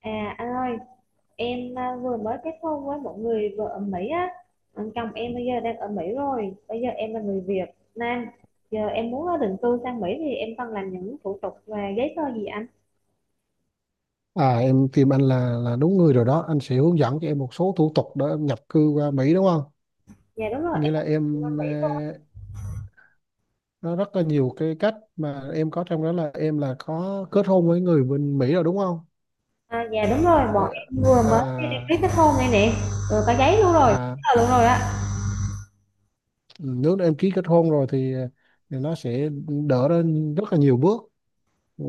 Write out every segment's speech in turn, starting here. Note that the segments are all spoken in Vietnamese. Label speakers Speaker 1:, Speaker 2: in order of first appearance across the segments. Speaker 1: Anh ơi, vừa mới kết hôn với một người vợ ở Mỹ. Anh chồng em bây giờ đang ở Mỹ rồi, bây giờ em là người Việt Nam, giờ em muốn định cư sang Mỹ thì em cần làm những thủ tục và giấy tờ gì anh?
Speaker 2: À, em tìm anh là đúng người rồi đó. Anh sẽ hướng dẫn cho em một số thủ tục để em nhập cư qua Mỹ, đúng không?
Speaker 1: Dạ đúng rồi,
Speaker 2: Có nghĩa
Speaker 1: em có
Speaker 2: là
Speaker 1: sang định cư
Speaker 2: em,
Speaker 1: bên Mỹ luôn.
Speaker 2: nó rất là nhiều cái cách mà em có. Trong đó là em có kết hôn với người bên Mỹ rồi đúng không?
Speaker 1: À, dạ đúng rồi, bọn
Speaker 2: Ờ,
Speaker 1: em vừa
Speaker 2: À
Speaker 1: mới đi đăng ký kết hôn đây nè, rồi có giấy luôn rồi,
Speaker 2: à
Speaker 1: giấy tờ luôn rồi á,
Speaker 2: Nếu em ký kết hôn rồi thì, nó sẽ đỡ lên rất là nhiều bước. Ừ.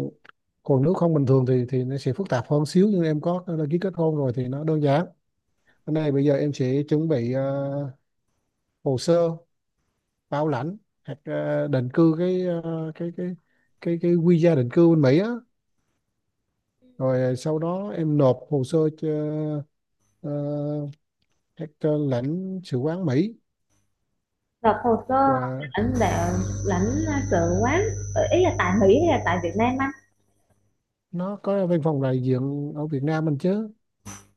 Speaker 2: Còn nếu không bình thường thì nó sẽ phức tạp hơn xíu, nhưng em có ký kết hôn rồi thì nó đơn giản. Cái này bây giờ em sẽ chuẩn bị hồ sơ bảo lãnh, hoặc định cư, cái cái visa định cư bên Mỹ á, rồi sau đó em nộp hồ sơ cho ờ, các lãnh sự quán Mỹ,
Speaker 1: nộp hồ sơ
Speaker 2: và
Speaker 1: lãnh đạo lãnh sự quán. Ý là tại Mỹ hay là tại Việt Nam anh?
Speaker 2: nó có văn phòng đại diện ở Việt Nam mình chứ.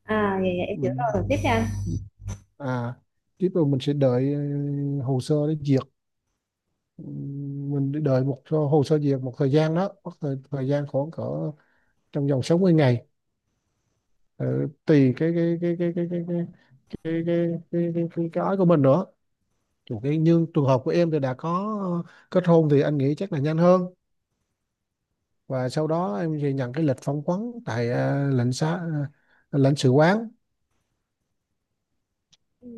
Speaker 1: À dạ, dạ em hiểu rồi,
Speaker 2: Ừ.
Speaker 1: rồi tiếp cho anh.
Speaker 2: à Tiếp rồi mình sẽ đợi hồ sơ để duyệt. Ừ, mình đợi một hồ sơ duyệt một thời gian đó, mất thời gian khoảng cỡ trong vòng 60 ngày. Ờ, Tùy cái ói của mình nữa. Chủ cái, nhưng trường hợp của em thì đã có kết hôn thì anh nghĩ chắc là nhanh hơn. Và sau đó em thì nhận cái lịch phỏng vấn tại lãnh sự quán.
Speaker 1: Ừ,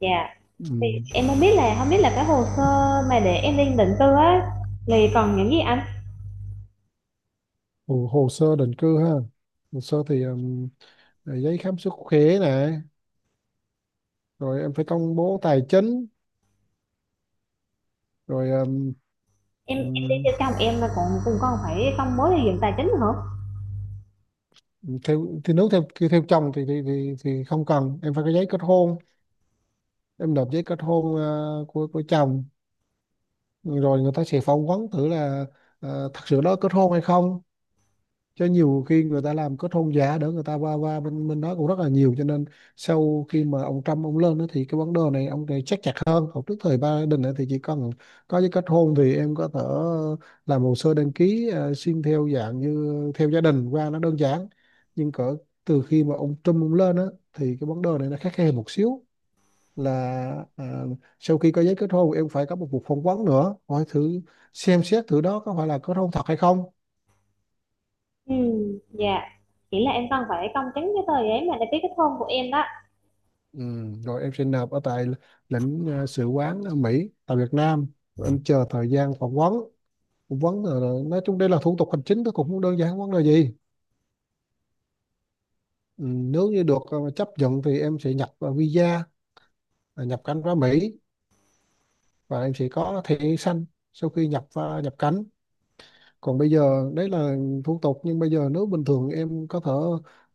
Speaker 1: dạ.
Speaker 2: Ừ.
Speaker 1: Thì em không biết là cái hồ sơ mà để em lên định cư á thì còn những gì anh?
Speaker 2: Hồ sơ định cư ha, hồ sơ thì giấy khám sức khỏe này, rồi em phải công bố tài chính, rồi
Speaker 1: Em đi
Speaker 2: ừm,
Speaker 1: theo chồng em mà còn cùng con phải công bố điều kiện tài chính hả?
Speaker 2: theo thì, nếu theo theo chồng thì thì không cần, em phải có giấy kết hôn. Em nộp giấy kết hôn của chồng, rồi người ta sẽ phỏng vấn thử là thật sự đó kết hôn hay không. Cho nhiều khi người ta làm kết hôn giả để người ta qua qua bên bên đó cũng rất là nhiều, cho nên sau khi mà ông Trump ông lên đó, thì cái vấn đề này ông này chắc chặt hơn. Còn trước thời Biden ấy, thì chỉ cần có giấy kết hôn thì em có thể làm hồ sơ đăng ký xin theo dạng như theo gia đình qua, nó đơn giản. Nhưng cỡ từ khi mà ông Trump ông lên đó, thì cái vấn đề này nó khắt khe một xíu, là à, sau khi có giấy kết hôn em phải có một cuộc phỏng vấn nữa, hỏi thử xem xét thử đó có phải là kết hôn thật hay không.
Speaker 1: Ừ, dạ. Chỉ là em cần phải công chứng cái tờ giấy mà để ký kết hôn của em đó.
Speaker 2: ừ, Rồi em sẽ nộp ở tại lãnh sự quán ở Mỹ tại Việt Nam. Rồi em chờ thời gian phỏng vấn. Nói chung đây là thủ tục hành chính, nó cũng không đơn giản vấn đề gì. Ừ, Nếu như được chấp nhận thì em sẽ nhập à, visa à, nhập cảnh vào Mỹ, và em sẽ có thẻ xanh sau khi nhập cảnh. Còn bây giờ đấy là thủ tục, nhưng bây giờ nếu bình thường em có thể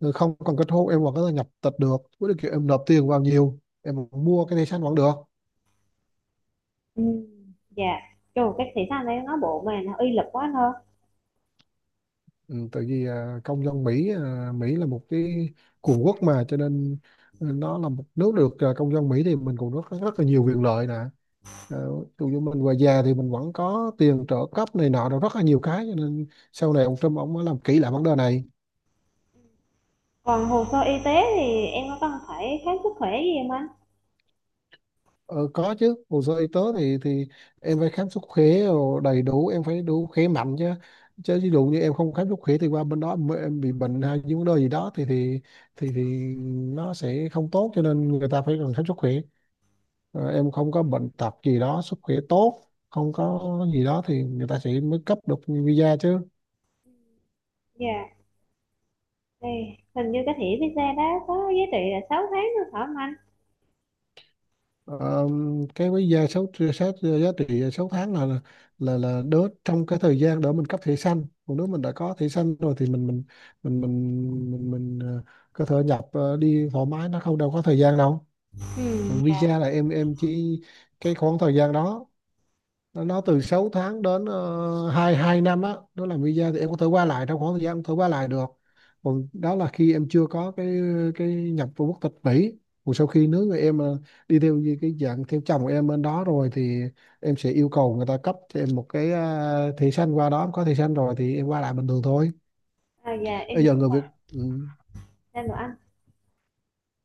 Speaker 2: không cần kết hôn em vẫn có thể nhập tịch được, với điều kiện em nộp tiền vào nhiều, em mua cái thẻ xanh vẫn được.
Speaker 1: Ừ, dạ. Trời, cái thị xã này nó bộ mà nó uy lực quá thôi.
Speaker 2: Ừ, Tại vì công dân Mỹ, Mỹ là một cái cường quốc, mà cho nên nó là một nước được công dân Mỹ thì mình cũng rất rất là nhiều quyền lợi nè. Ví dụ như mình về già thì mình vẫn có tiền trợ cấp này nọ, rồi rất là nhiều cái, cho nên sau này ông Trump ông mới làm kỹ lại vấn đề này.
Speaker 1: Còn hồ sơ y tế thì em có cần phải khám sức khỏe gì không anh?
Speaker 2: Ờ, có chứ, hồ sơ y tế thì em phải khám sức khỏe rồi đầy đủ, em phải đủ khỏe mạnh chứ. Chứ ví dụ như em không khám sức khỏe thì qua bên đó em bị bệnh hay những vấn đề gì đó thì thì thì nó sẽ không tốt, cho nên người ta phải cần khám sức khỏe. Ờ, em không có bệnh tật gì đó, sức khỏe tốt, không có gì đó thì người ta sẽ mới cấp được visa chứ.
Speaker 1: Dạ, thì hình như cái thẻ visa đó có giá trị là 6 tháng nữa phải không anh?
Speaker 2: Ờ, cái với giá số sát giá trị 6 tháng là đỡ trong cái thời gian đỡ mình cấp thẻ xanh. Còn nếu mình đã có thẻ xanh rồi thì mình có thể nhập đi thoải mái, nó không đâu có thời gian đâu.
Speaker 1: Ừ,
Speaker 2: Còn
Speaker 1: dạ.
Speaker 2: visa là em chỉ cái khoảng thời gian đó, nó từ 6 tháng đến 2 2 năm á, đó là visa thì em có thể qua lại, trong khoảng thời gian em có thể qua lại được. Còn đó là khi em chưa có cái nhập vào quốc tịch Mỹ. Còn sau khi nếu người em đi theo như cái dạng theo chồng của em bên đó rồi thì em sẽ yêu cầu người ta cấp cho em một cái thẻ xanh, qua đó em có thẻ xanh rồi thì em qua lại bình thường thôi.
Speaker 1: À, dạ em
Speaker 2: Bây
Speaker 1: hiểu
Speaker 2: giờ người Việt. Ừ.
Speaker 1: ra rồi anh.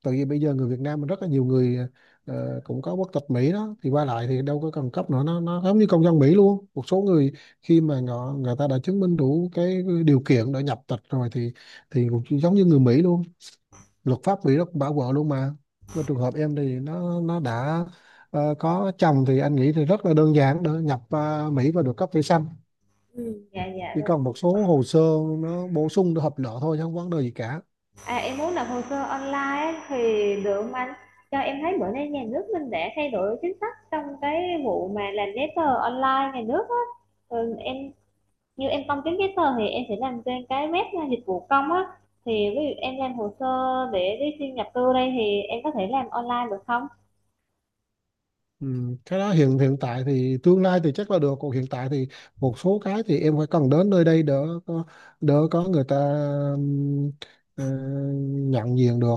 Speaker 2: Tại vì bây giờ người Việt Nam mình rất là nhiều người cũng có quốc tịch Mỹ đó, thì qua lại thì đâu có cần cấp nữa, nó giống như công dân Mỹ luôn, một số người khi mà họ người ta đã chứng minh đủ cái điều kiện để nhập tịch rồi thì cũng giống như người Mỹ luôn. Luật pháp Mỹ nó cũng bảo vợ luôn, mà trường hợp em thì nó đã có chồng thì anh nghĩ thì rất là đơn giản để nhập Mỹ và được cấp thẻ xanh.
Speaker 1: Ừ, dạ dạ.
Speaker 2: Chỉ còn một số hồ sơ, nó bổ sung để hợp lệ thôi chứ không vấn đề gì cả.
Speaker 1: À, em muốn nộp hồ sơ online ấy, thì được không anh? Cho em thấy bữa nay nhà nước mình đã thay đổi chính sách trong cái vụ mà làm giấy tờ online nhà nước á. Ừ, em như em công chứng giấy tờ thì em sẽ làm trên cái web là dịch vụ công á. Thì ví dụ em làm hồ sơ để đi xin nhập cư đây thì em có thể làm online được không?
Speaker 2: Ừ, cái đó hiện hiện tại thì, tương lai thì chắc là được, còn hiện tại thì một số cái thì em phải cần đến nơi, đây đỡ có, người ta ừm, ờ, nhận diện được.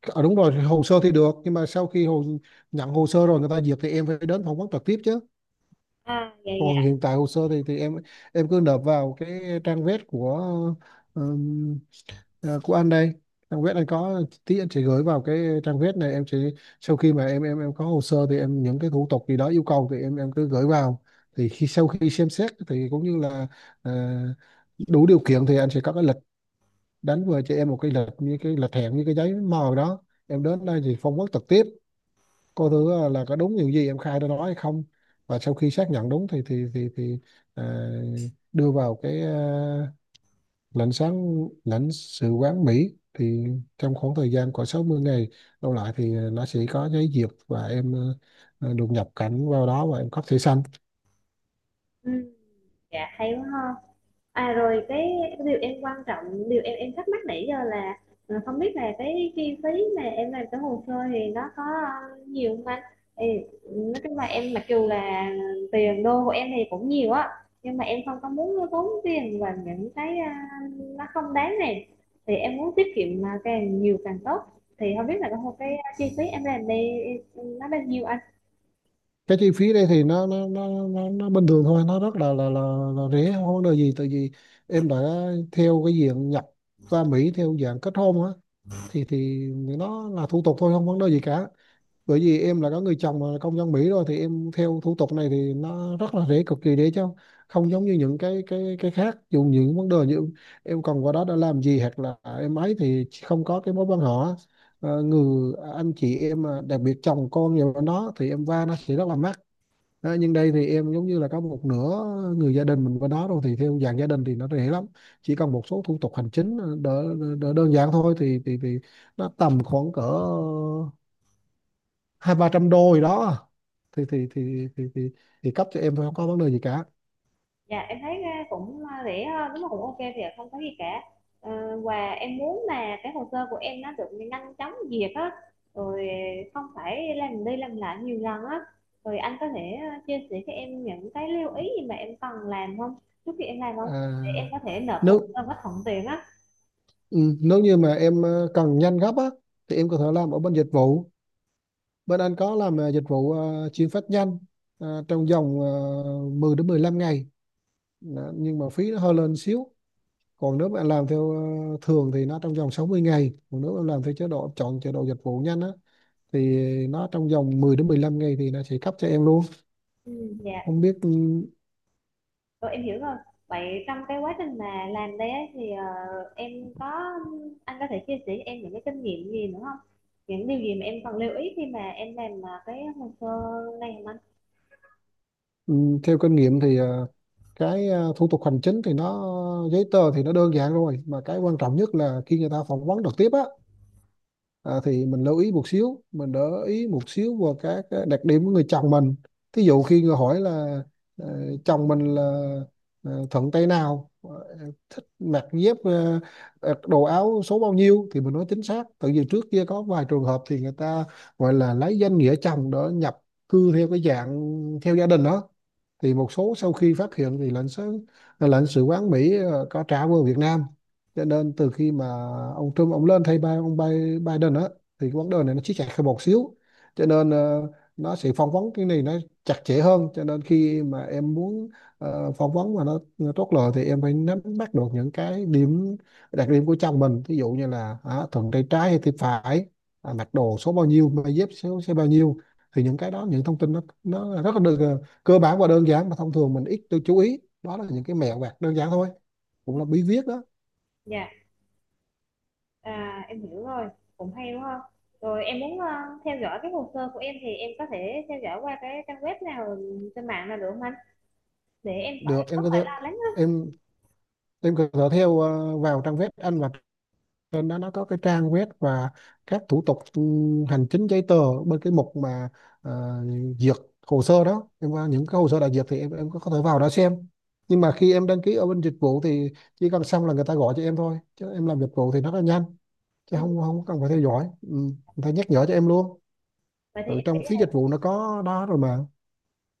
Speaker 2: Ờ, đúng rồi, hồ sơ thì được, nhưng mà sau khi nhận hồ sơ rồi người ta duyệt thì em phải đến phỏng vấn trực tiếp chứ.
Speaker 1: À, dạ
Speaker 2: Còn
Speaker 1: dạ.
Speaker 2: hiện tại hồ sơ thì em cứ nộp vào cái trang web của ừm, của anh đây. Trang web anh có, tí anh sẽ gửi vào cái trang web này, em sẽ sau khi mà em có hồ sơ thì em những cái thủ tục gì đó yêu cầu thì em cứ gửi vào. Thì khi sau khi xem xét thì cũng như là ờ, đủ điều kiện thì anh sẽ có cái lịch đánh về cho em, một cái lịch như cái lịch hẹn, như cái giấy mời đó, em đến đây thì phỏng vấn trực tiếp. Cô thứ là có đúng điều gì em khai ra đó hay không, và sau khi xác nhận đúng thì à, đưa vào cái lãnh sự quán Mỹ, thì trong khoảng thời gian của 60 ngày đâu lại thì nó sẽ có giấy duyệt, và em được nhập cảnh vào đó và em cấp thẻ xanh.
Speaker 1: Ừ, dạ hay quá ha. À rồi cái điều em quan trọng, điều em thắc mắc nãy giờ là không biết là cái chi phí mà em làm cái hồ sơ thì nó có nhiều không anh? Thì nói chung là em mặc dù là tiền đô của em thì cũng nhiều á, nhưng mà em không có muốn tốn tiền vào những cái nó không đáng này, thì em muốn tiết kiệm mà càng nhiều càng tốt, thì không biết là cái chi phí em làm đây nó bao nhiêu anh?
Speaker 2: Cái chi phí đây thì nó bình thường thôi, nó rất là rẻ, không có vấn đề gì, tại vì em đã theo cái diện nhập qua Mỹ theo dạng kết hôn á, thì nó là thủ tục thôi không vấn đề gì cả. Bởi vì em là có người chồng mà là công dân Mỹ rồi thì em theo thủ tục này thì nó rất là dễ, cực kỳ dễ, chứ không giống như những cái khác. Dù những vấn đề như em còn qua đó đã làm gì, hoặc là em ấy thì không có cái mối quan họ. Ờ, người anh chị em mà đặc biệt chồng con nhiều nó thì em va nó sẽ rất là mắc. Đó, nhưng đây thì em giống như là có một nửa người gia đình mình qua đó rồi, thì theo dạng gia đình thì nó dễ lắm. Chỉ cần một số thủ tục hành chính đỡ đơn giản thôi, thì nó tầm khoảng cỡ hai ba trăm đô gì đó, thì thì thì thì thì, thì cấp cho em thôi, không có vấn đề gì cả.
Speaker 1: Dạ em thấy cũng rẻ hơn, đúng là cũng ok thì không có gì cả. Ờ, và em muốn là cái hồ sơ của em nó được nhanh chóng duyệt á, rồi không phải làm đi làm lại nhiều lần á, rồi anh có thể chia sẻ cho em những cái lưu ý gì mà em cần làm không, trước khi em làm không, để em
Speaker 2: à,
Speaker 1: có thể nộp hồ
Speaker 2: nếu
Speaker 1: sơ nó thuận tiện á?
Speaker 2: ừ, Nếu như mà em cần nhanh gấp á thì em có thể làm ở bên dịch vụ, bên anh có làm dịch vụ chuyển phát nhanh, trong vòng 10 đến 15 ngày. Đó, nhưng mà phí nó hơi lên xíu. Còn nếu bạn làm theo thường thì nó trong vòng 60 ngày, còn nếu em làm theo chế độ dịch vụ nhanh á thì nó trong vòng 10 đến 15 ngày thì nó sẽ cấp cho em luôn.
Speaker 1: Ừ, dạ.
Speaker 2: Không biết
Speaker 1: Ừ, em hiểu rồi. Vậy trong cái quá trình mà làm đây ấy, thì ờ, em có anh có thể chia sẻ cho em những cái kinh nghiệm gì nữa không? Những điều gì mà em cần lưu ý khi mà em làm cái hồ sơ này không anh?
Speaker 2: Ừ, theo kinh nghiệm thì thủ tục hành chính thì giấy tờ thì nó đơn giản rồi, mà cái quan trọng nhất là khi người ta phỏng vấn trực tiếp á. Thì mình lưu ý một xíu, mình ý một xíu vào các cái đặc điểm của người chồng mình. Thí dụ khi người hỏi là ờ, chồng mình là thuận tay nào, thích mặc dép, đồ áo số bao nhiêu thì mình nói chính xác. Tại vì trước kia có vài trường hợp thì người ta gọi là lấy danh nghĩa chồng để nhập cư theo cái dạng theo gia đình đó, thì một số sau khi phát hiện thì lãnh sự quán Mỹ có trả về Việt Nam. Cho nên từ khi mà ông Trump ông lên thay ba ông Biden á, thì cái vấn đề này nó siết chặt hơn một xíu. Cho nên nó sẽ phỏng vấn cái này nó chặt chẽ hơn. Cho nên khi mà em muốn phỏng vấn mà nó tốt lời thì em phải nắm bắt được những cái điểm đặc điểm của chồng mình, ví dụ như là thuận tay trái hay tay phải, mặc đồ số bao nhiêu, giày dép số số bao nhiêu. Thì những cái đó, những thông tin nó rất là được, cơ bản và đơn giản, mà thông thường mình ít tôi chú ý. Đó là những cái mẹo vặt đơn giản thôi, cũng là bí viết đó.
Speaker 1: Dạ, à, em hiểu rồi. Cũng hay đúng không? Rồi em muốn theo dõi cái hồ sơ của em thì em có thể theo dõi qua cái trang web nào trên mạng nào được không anh? Để em
Speaker 2: Được,
Speaker 1: phải
Speaker 2: em
Speaker 1: không
Speaker 2: có thể
Speaker 1: phải lo lắng hết.
Speaker 2: em em có thể theo vào trang web anh, và trên đó nó có cái trang web và các thủ tục hành chính giấy tờ, bên cái mục mà ờ, duyệt hồ sơ đó. Em vào những cái hồ sơ đã duyệt thì em có thể vào đó xem. Nhưng mà khi em đăng ký ở bên dịch vụ thì chỉ cần xong là người ta gọi cho em thôi, chứ em làm dịch vụ thì nó là nhanh, chứ
Speaker 1: Ừ.
Speaker 2: không không cần phải theo dõi. Ừ, người ta nhắc nhở cho em luôn.
Speaker 1: Vậy thì
Speaker 2: Ừ,
Speaker 1: em nghĩ
Speaker 2: trong phí dịch
Speaker 1: là
Speaker 2: vụ nó có đó rồi mà.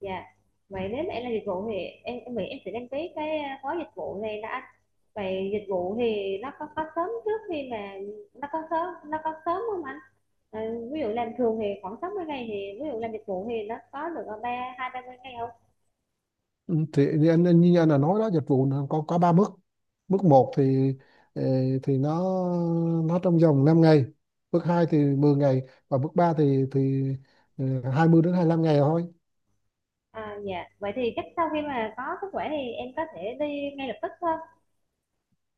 Speaker 1: dạ. Vậy nếu mà em làm dịch vụ thì em nghĩ em sẽ đăng ký cái gói dịch vụ này đó anh. Vậy dịch vụ thì nó có sớm trước khi mà nó có sớm không anh? Ờ, ví dụ làm thường thì khoảng 60 ngày thì ví dụ làm dịch vụ thì nó có được ở 2 3 mươi ngày không?
Speaker 2: Ừ, thì như anh là nói đó, dịch vụ nó có ba mức. Mức một thì ờ, thì nó nó trong vòng 5 ngày. Mức hai thì 10 ngày. Và mức ba thì ờ, 20 đến 25 ngày thôi.
Speaker 1: À dạ vậy thì chắc sau khi mà có sức khỏe thì em có thể đi ngay lập tức thôi.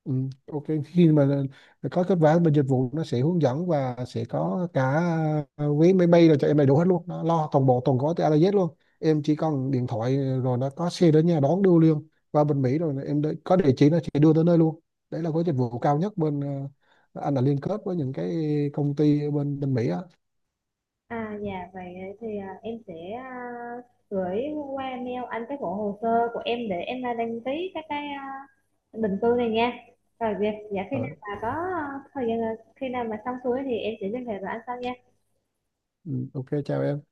Speaker 2: Ừ, ok, khi mà có kết quả bên dịch vụ nó sẽ hướng dẫn, và sẽ có cả vé máy bay rồi cho em đầy đủ hết luôn. Nó lo toàn bộ toàn gói từ A đến Z luôn. Em chỉ cần điện thoại rồi nó có xe đến nhà đón đưa liền. Qua bên Mỹ rồi em có địa chỉ nó sẽ đưa tới nơi luôn. Đấy là gói dịch vụ cao nhất. Bên anh là liên kết với những cái công ty ở bên bên Mỹ á.
Speaker 1: À dạ vậy thì em sẽ gửi qua mail anh cái bộ hồ sơ của em để em đăng ký các cái định cư này nha. Rồi việc dạ khi nào
Speaker 2: Ờ,
Speaker 1: mà có thời gian khi nào mà xong xuôi thì em sẽ liên hệ với anh sau nha.
Speaker 2: ừ, ok, chào em.